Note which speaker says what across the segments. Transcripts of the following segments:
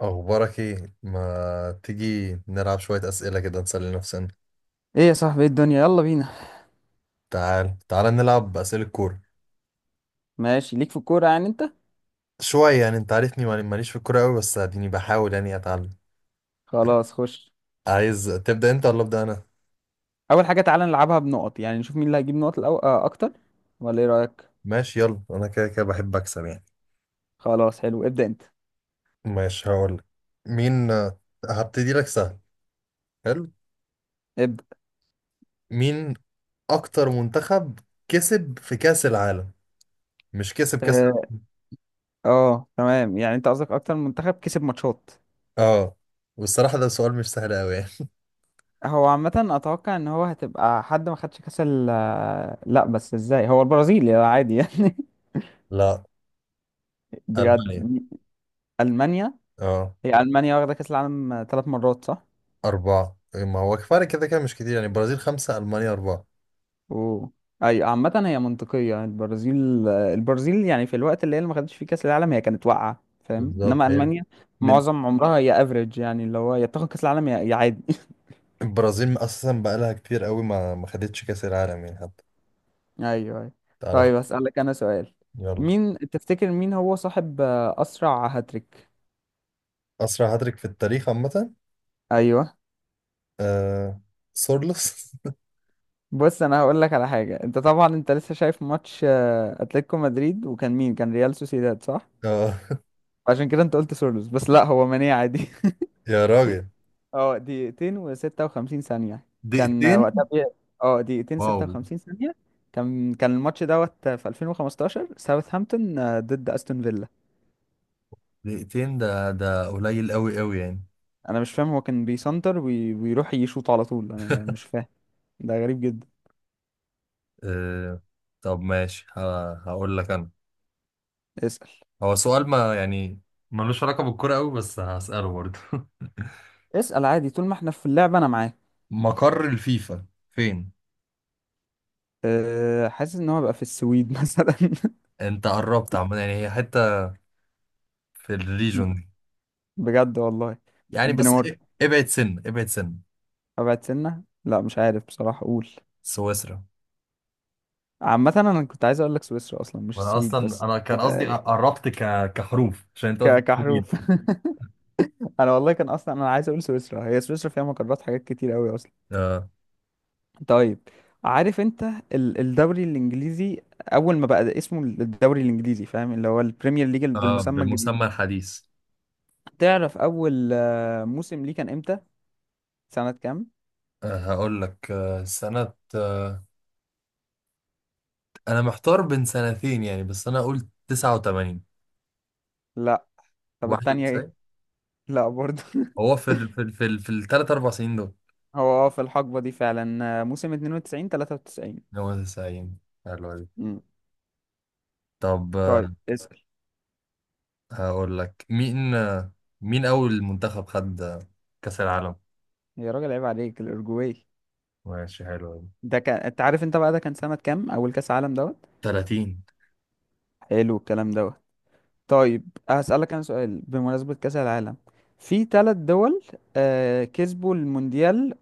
Speaker 1: أخبارك إيه؟ ما تيجي نلعب شوية أسئلة كده نسلي نفسنا.
Speaker 2: ايه يا صاحبي، ايه الدنيا، يلا بينا.
Speaker 1: تعال تعال نلعب أسئلة كورة.
Speaker 2: ماشي، ليك في الكورة يعني انت؟
Speaker 1: شوية، يعني أنت عارفني، ماليش في الكورة أوي، بس أديني بحاول يعني أتعلم.
Speaker 2: خلاص خش.
Speaker 1: عايز تبدأ أنت ولا أبدأ أنا؟
Speaker 2: اول حاجة تعالى نلعبها بنقط، يعني نشوف مين اللي هيجيب نقط الأو... آه اكتر، ولا ايه رأيك؟
Speaker 1: ماشي يلا، أنا كده كده بحب أكسب يعني.
Speaker 2: خلاص حلو، ابدأ انت.
Speaker 1: ماشي هقولك. مين. هبتدي لك سهل. حلو.
Speaker 2: ابدأ.
Speaker 1: مين أكتر منتخب كسب في كأس العالم؟ مش كسب كأس.
Speaker 2: اه تمام، يعني انت قصدك اكتر منتخب كسب ماتشات.
Speaker 1: آه. والصراحة ده سؤال مش سهل أوي يعني.
Speaker 2: هو عامة اتوقع ان هو هتبقى حد ما خدش كاس ال... لا بس ازاي، هو البرازيل يا عادي يعني.
Speaker 1: لا.
Speaker 2: بجد.
Speaker 1: ألمانيا.
Speaker 2: المانيا.
Speaker 1: آه.
Speaker 2: هي المانيا واخدة كاس العالم ثلاث مرات صح؟
Speaker 1: أربعة، إيه، ما هو كفاية كده كده مش كتير يعني، البرازيل خمسة ألمانيا أربعة.
Speaker 2: اوه. ايوه، عامة هي منطقية، البرازيل يعني في الوقت اللي هي اللي ما خدتش فيه كأس العالم هي كانت واقعة فاهم، انما
Speaker 1: بالظبط هي.
Speaker 2: ألمانيا
Speaker 1: من.
Speaker 2: معظم عمرها هي افريج، يعني اللي هو يا بتاخد كأس العالم يا عادي
Speaker 1: البرازيل أساسا بقالها كتير قوي ما خدتش كأس العالم يعني حتى.
Speaker 2: ايوه ايوه.
Speaker 1: تعالى خ-
Speaker 2: طيب اسألك انا سؤال،
Speaker 1: يلا.
Speaker 2: مين تفتكر، مين هو صاحب اسرع هاتريك؟
Speaker 1: أسرع هاتريك في التاريخ عامة.
Speaker 2: ايوه.
Speaker 1: آه... سورلوس.
Speaker 2: بص انا هقول لك على حاجة، انت طبعا انت لسه شايف ماتش اتلتيكو مدريد، وكان مين؟ كان ريال سوسيداد صح؟
Speaker 1: آه...
Speaker 2: عشان كده انت قلت سورلوس، بس لا هو ماني عادي.
Speaker 1: يا راجل.
Speaker 2: اه، دقيقتين وستة وخمسين ثانية. كان
Speaker 1: دقيقتين.
Speaker 2: وقتها بي... اه، دقيقتين
Speaker 1: واو.
Speaker 2: ستة وخمسين ثانية. كان الماتش دوت في 2015، ساوثهامبتون ضد استون فيلا.
Speaker 1: دقيقتين، ده قليل قوي قوي يعني.
Speaker 2: انا مش فاهم، هو كان بيسنتر ويروح يشوط على طول، انا مش فاهم. ده غريب جدا.
Speaker 1: آه... طب ماشي، هقول لك أنا.
Speaker 2: اسأل.
Speaker 1: هو سؤال ما يعني ملوش علاقة بالكرة قوي، بس هسأله برضه.
Speaker 2: اسأل عادي، طول ما احنا في اللعبة انا معاك.
Speaker 1: مقر الفيفا فين؟
Speaker 2: حاسس ان هو بقى في السويد مثلا.
Speaker 1: انت قربت عامة، يعني هي حتة في الريجون دي.
Speaker 2: بجد والله.
Speaker 1: يعني بس
Speaker 2: الدنمارك.
Speaker 1: ابعد سن.
Speaker 2: ابعد سنة، لا مش عارف بصراحة اقول.
Speaker 1: سويسرا.
Speaker 2: عامة انا كنت عايز اقول لك سويسرا اصلا، مش
Speaker 1: وانا
Speaker 2: السويد،
Speaker 1: اصلا
Speaker 2: بس
Speaker 1: انا كان قصدي
Speaker 2: آه،
Speaker 1: قربت كحروف، عشان انت قلت طويل.
Speaker 2: كحروف. انا والله كان اصلا انا عايز اقول سويسرا، هي سويسرا فيها مقرات حاجات كتير قوي اصلا.
Speaker 1: آه.
Speaker 2: طيب، عارف انت الدوري الانجليزي، اول ما بقى اسمه الدوري الانجليزي فاهم، اللي هو البريمير ليج
Speaker 1: آه.
Speaker 2: بالمسمى الجديد،
Speaker 1: بالمسمى الحديث.
Speaker 2: تعرف اول موسم ليه كان امتى؟ سنة كام؟
Speaker 1: آه. هقول لك سنة انا محتار بين سنتين يعني، بس انا قلت 89.
Speaker 2: لا. طب التانية ايه؟
Speaker 1: 91.
Speaker 2: لا برضه
Speaker 1: هو في الثلاث اربع سنين دول.
Speaker 2: هو اه، في الحقبة دي فعلا، موسم 92 93.
Speaker 1: هو 90. حلوة دي.
Speaker 2: امم
Speaker 1: طب
Speaker 2: طيب اسأل.
Speaker 1: هقول لك مين. مين اول منتخب خد كأس العالم.
Speaker 2: يا راجل عيب عليك، الأورجواي.
Speaker 1: ماشي حلو أوي.
Speaker 2: ده كان، انت عارف انت بقى ده كان سنة كام اول كأس عالم دوت؟
Speaker 1: 30.
Speaker 2: حلو الكلام دوت. طيب هسألك انا سؤال بمناسبة كأس العالم. في ثلاث دول آه كسبوا المونديال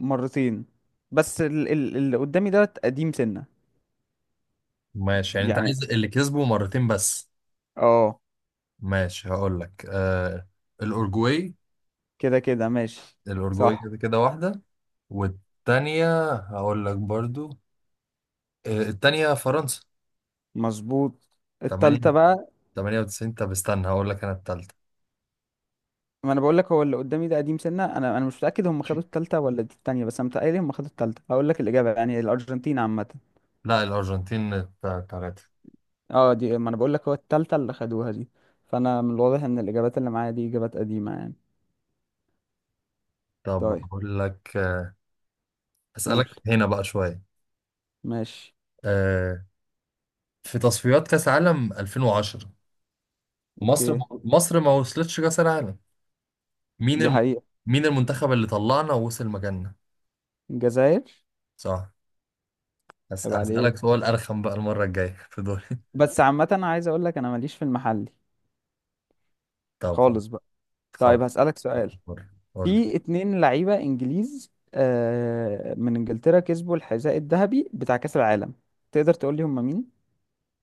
Speaker 2: مرتين، بس اللي قدامي دوت قديم سنة.
Speaker 1: ماشي، يعني انت
Speaker 2: يعني،
Speaker 1: عايز اللي كسبه مرتين بس.
Speaker 2: اه.
Speaker 1: ماشي هقول لك الأورجواي.
Speaker 2: كده كده ماشي.
Speaker 1: الأورجواي
Speaker 2: صح.
Speaker 1: كده كده واحدة. والتانية هقول لك برضو التانية فرنسا.
Speaker 2: مظبوط.
Speaker 1: 8.
Speaker 2: التالتة بقى.
Speaker 1: 98. طب استنى هقول لك أنا التالتة.
Speaker 2: ما انا بقول لك هو اللي قدامي ده قديم سنة، انا مش متأكد هم خدوا التالتة ولا دي التانية، بس انا متهيألي هم خدوا التالتة هقول لك الإجابة يعني، الأرجنتين عامة.
Speaker 1: لا الأرجنتين. تلاتة.
Speaker 2: اه دي، ما انا بقول لك هو التالتة اللي خدوها دي. فانا من الواضح ان الإجابات اللي معايا دي إجابات قديمة يعني.
Speaker 1: طب
Speaker 2: طيب.
Speaker 1: هقول لك
Speaker 2: قول.
Speaker 1: أسألك هنا بقى شوية.
Speaker 2: ماشي.
Speaker 1: آه في تصفيات كأس عالم 2010، مصر.
Speaker 2: اوكي.
Speaker 1: مصر ما وصلتش كأس العالم. مين
Speaker 2: دي
Speaker 1: الم...
Speaker 2: حقيقة.
Speaker 1: مين المنتخب اللي طلعنا ووصل مكاننا.
Speaker 2: الجزائر.
Speaker 1: صح.
Speaker 2: عيب عليك،
Speaker 1: هسألك سؤال أرخم بقى المرة الجاية في دول.
Speaker 2: بس عامة أنا عايز اقول لك انا ماليش في المحلي
Speaker 1: طب
Speaker 2: خالص
Speaker 1: خلاص.
Speaker 2: بقى. طيب
Speaker 1: خلاص.
Speaker 2: هسألك سؤال.
Speaker 1: قول. قول لي.
Speaker 2: في اتنين لعيبة انجليز آه، من انجلترا كسبوا الحذاء الذهبي بتاع كأس العالم، تقدر تقول لي هم مين؟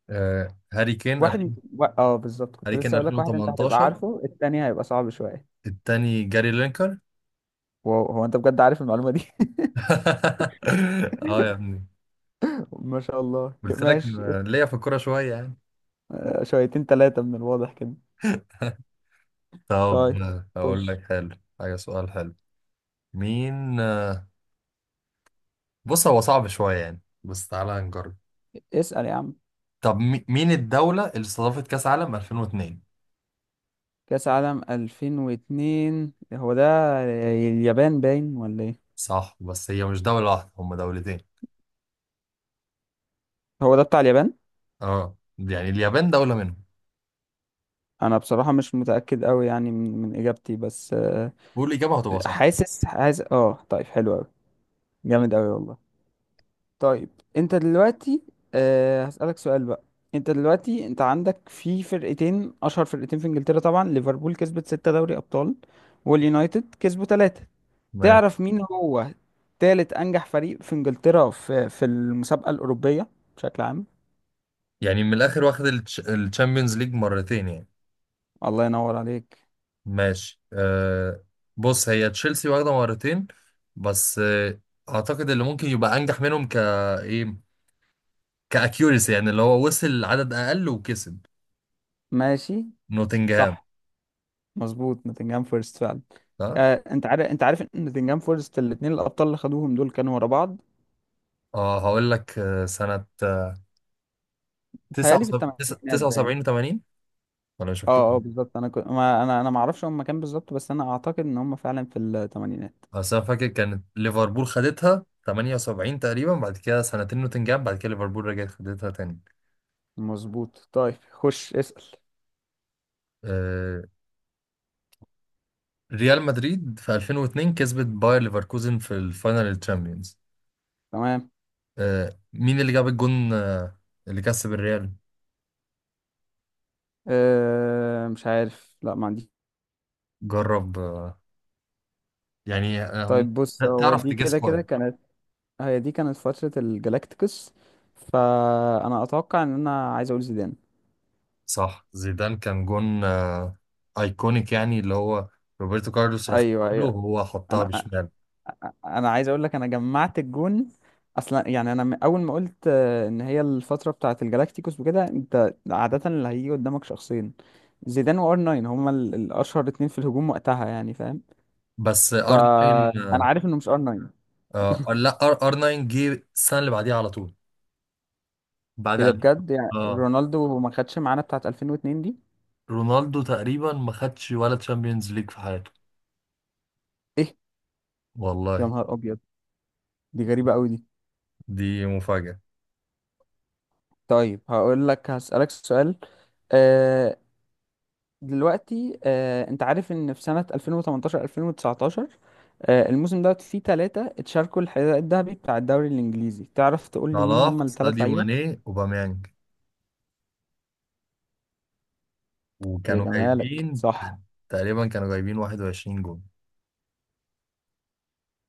Speaker 1: آه... هاري كين
Speaker 2: واحد
Speaker 1: ألف-
Speaker 2: و... اه بالظبط، كنت
Speaker 1: هاري كين
Speaker 2: لسه اقول لك واحد، انت هتبقى
Speaker 1: 2018.
Speaker 2: عارفه، التاني هيبقى صعب شوية.
Speaker 1: التاني جاري لينكر.
Speaker 2: واو، هو انت بجد عارف المعلومة دي
Speaker 1: اه يا ابني.
Speaker 2: ما شاء الله،
Speaker 1: قلت لك
Speaker 2: ماشي.
Speaker 1: ليا في الكورة شوية يعني.
Speaker 2: آه شويتين تلاتة من الواضح كده.
Speaker 1: طب
Speaker 2: طيب
Speaker 1: أقول
Speaker 2: خش
Speaker 1: لك حلو. حاجة، سؤال حلو. مين. بص هو صعب شوية يعني، بس تعالى نجرب.
Speaker 2: اسأل يا عم.
Speaker 1: طب مين الدولة اللي استضافت كأس عالم 2002؟
Speaker 2: كأس عالم 2002 هو ده، اليابان باين ولا ايه؟
Speaker 1: صح، بس هي مش دولة واحدة، هم دولتين.
Speaker 2: هو ده بتاع اليابان.
Speaker 1: اه، يعني اليابان دولة منهم.
Speaker 2: انا بصراحة مش متأكد قوي يعني من اجابتي، بس
Speaker 1: قول إجابة هتبقى صح.
Speaker 2: حاسس، حاسس، اه. طيب حلو قوي. جامد قوي والله. طيب. انت دلوقتي. هسألك سؤال بقى. انت دلوقتي انت عندك في فرقتين، اشهر فرقتين في انجلترا طبعا، ليفربول كسبت ستة دوري ابطال، واليونايتد كسبوا ثلاثة.
Speaker 1: ماشي،
Speaker 2: تعرف مين هو تالت انجح فريق في انجلترا، في المسابقة الأوروبية بشكل عام؟
Speaker 1: يعني من الآخر واخد الشامبيونز ليج مرتين يعني.
Speaker 2: الله ينور عليك.
Speaker 1: ماشي بص هي تشيلسي واخدة مرتين. بس أعتقد اللي ممكن يبقى أنجح منهم إيه، كأكيوريسي يعني اللي هو وصل عدد أقل وكسب.
Speaker 2: ماشي.
Speaker 1: نوتنجهام.
Speaker 2: صح. مظبوط، نوتنجهام فورست فعلا.
Speaker 1: صح؟
Speaker 2: انت عارف، ان نوتنجهام فورست الاثنين الابطال اللي خدوهم دول كانوا ورا بعض.
Speaker 1: اه، هقول لك سنة
Speaker 2: بيتهيألي في
Speaker 1: 79.
Speaker 2: الثمانينات باين.
Speaker 1: 79، 80. ولا مش
Speaker 2: اه اه
Speaker 1: مكتوب.
Speaker 2: بالظبط، انا كنت، ما انا ما اعرفش هم كام بالظبط، بس انا اعتقد ان هم فعلا في الثمانينات.
Speaker 1: بس انا فاكر كانت ليفربول خدتها 78 تقريبا، بعد كده سنتين نوتنجهام، بعد كده ليفربول رجعت خدتها تاني.
Speaker 2: مظبوط. طيب خش اسأل.
Speaker 1: آه، ريال مدريد في 2002 كسبت باير ليفركوزن في الفاينل الشامبيونز.
Speaker 2: تمام.
Speaker 1: مين اللي جاب الجون اللي كسب الريال؟
Speaker 2: مش عارف، لا ما عندي.
Speaker 1: جرب يعني
Speaker 2: طيب بص، هو
Speaker 1: تعرف
Speaker 2: دي
Speaker 1: تجس
Speaker 2: كده كده
Speaker 1: كويس.
Speaker 2: كانت، هي دي كانت فترة الجلاكتيكوس، فانا اتوقع ان، انا عايز اقول زيدان.
Speaker 1: صح، زيدان كان جون ايكونيك يعني، اللي هو روبرتو كارلوس رفعه
Speaker 2: ايوه
Speaker 1: له
Speaker 2: ايوه.
Speaker 1: وهو حطها
Speaker 2: انا
Speaker 1: بشمال.
Speaker 2: انا عايز اقول لك انا جمعت الجون اصلا يعني، انا اول ما قلت ان هي الفتره بتاعه الجالاكتيكوس وكده انت عاده اللي هيجي قدامك شخصين، زيدان وار 9، هما الاشهر اتنين في الهجوم وقتها يعني فاهم.
Speaker 1: بس ارنولد.
Speaker 2: فانا
Speaker 1: آه،
Speaker 2: عارف انه مش ار 9.
Speaker 1: اه، لا، ار 9 جه السنه اللي بعديها على طول. بعد
Speaker 2: ايه ده
Speaker 1: 2000.
Speaker 2: بجد؟ يعني
Speaker 1: اه،
Speaker 2: رونالدو ما خدش معانا بتاعه 2002 دي؟
Speaker 1: رونالدو تقريبا ما خدش ولا تشامبيونز ليج في حياته.
Speaker 2: ايه؟ يا
Speaker 1: والله.
Speaker 2: نهار ابيض. دي غريبه قوي دي.
Speaker 1: دي مفاجاه.
Speaker 2: طيب هقول لك، هسالك سؤال آه، دلوقتي. انت عارف ان في سنة 2018 2019 الموسم دوت فيه ثلاثة اتشاركوا الحذاء الذهبي بتاع الدوري الانجليزي، تعرف تقول لي مين
Speaker 1: صلاح
Speaker 2: هم الثلاث
Speaker 1: ساديو
Speaker 2: لعيبة؟
Speaker 1: ماني اوباميانج.
Speaker 2: يا
Speaker 1: وكانوا
Speaker 2: جمالك،
Speaker 1: جايبين.
Speaker 2: صح.
Speaker 1: تقريبا كانوا جايبين 21 جول.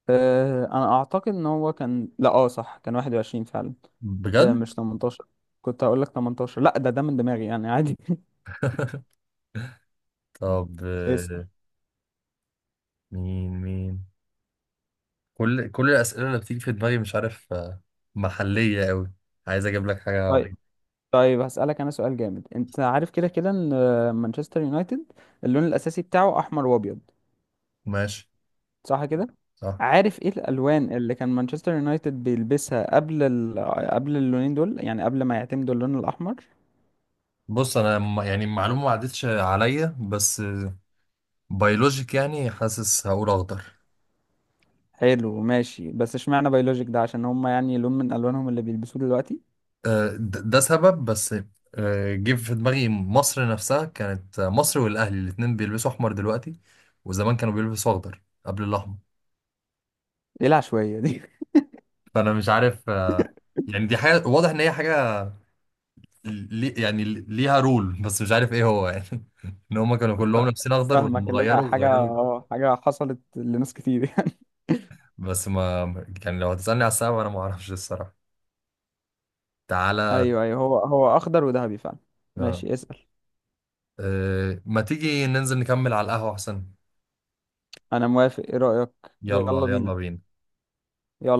Speaker 2: انا اعتقد ان هو كان، لا اه صح، كان 21 فعلا،
Speaker 1: بجد.
Speaker 2: مش 18. كنت هقول لك 18 لا ده من دماغي يعني عادي
Speaker 1: طب
Speaker 2: اسأل.
Speaker 1: مين. كل الاسئله اللي بتيجي في دماغي مش عارف محليه قوي. عايز اجيب لك حاجه.
Speaker 2: طيب. طيب هسألك انا سؤال جامد. انت عارف كده كده ان مانشستر يونايتد اللون الاساسي بتاعه احمر وابيض
Speaker 1: ماشي.
Speaker 2: صح كده؟
Speaker 1: صح.
Speaker 2: عارف ايه الالوان اللي كان مانشستر يونايتد بيلبسها قبل اللونين دول، يعني قبل ما يعتمدوا اللون الاحمر؟
Speaker 1: بص انا يعني المعلومه ما عدتش عليا، بس بيولوجيك يعني حاسس هقول اخضر.
Speaker 2: حلو ماشي، بس اشمعنى بيولوجيك ده، عشان هم يعني لون من الوانهم اللي بيلبسوه دلوقتي؟
Speaker 1: ده سبب بس جه في دماغي، مصر نفسها كانت مصر والاهلي الاتنين بيلبسوا احمر دلوقتي، وزمان كانوا بيلبسوا اخضر قبل الاحمر.
Speaker 2: ايه العشوائيه دي؟
Speaker 1: فانا مش عارف يعني دي حاجه واضح ان هي حاجه لي، يعني ليها رول بس مش عارف ايه هو يعني. ان هم كانوا
Speaker 2: ف-
Speaker 1: كلهم لابسين اخضر، ولما
Speaker 2: فاهمك، اللي هي
Speaker 1: غيروا
Speaker 2: حاجه،
Speaker 1: غيروا.
Speaker 2: اه حاجه حصلت لناس كتير يعني.
Speaker 1: بس ما. يعني لو هتسالني على السبب انا ما اعرفش الصراحه. تعالى.
Speaker 2: ايوه ايوه، هو اخضر وذهبي فعلا.
Speaker 1: آه،
Speaker 2: ماشي اسال.
Speaker 1: ما تيجي ننزل نكمل على القهوه احسن.
Speaker 2: انا موافق، ايه رايك؟
Speaker 1: يلا
Speaker 2: يلا
Speaker 1: يلا
Speaker 2: بينا.
Speaker 1: بينا.
Speaker 2: يلا.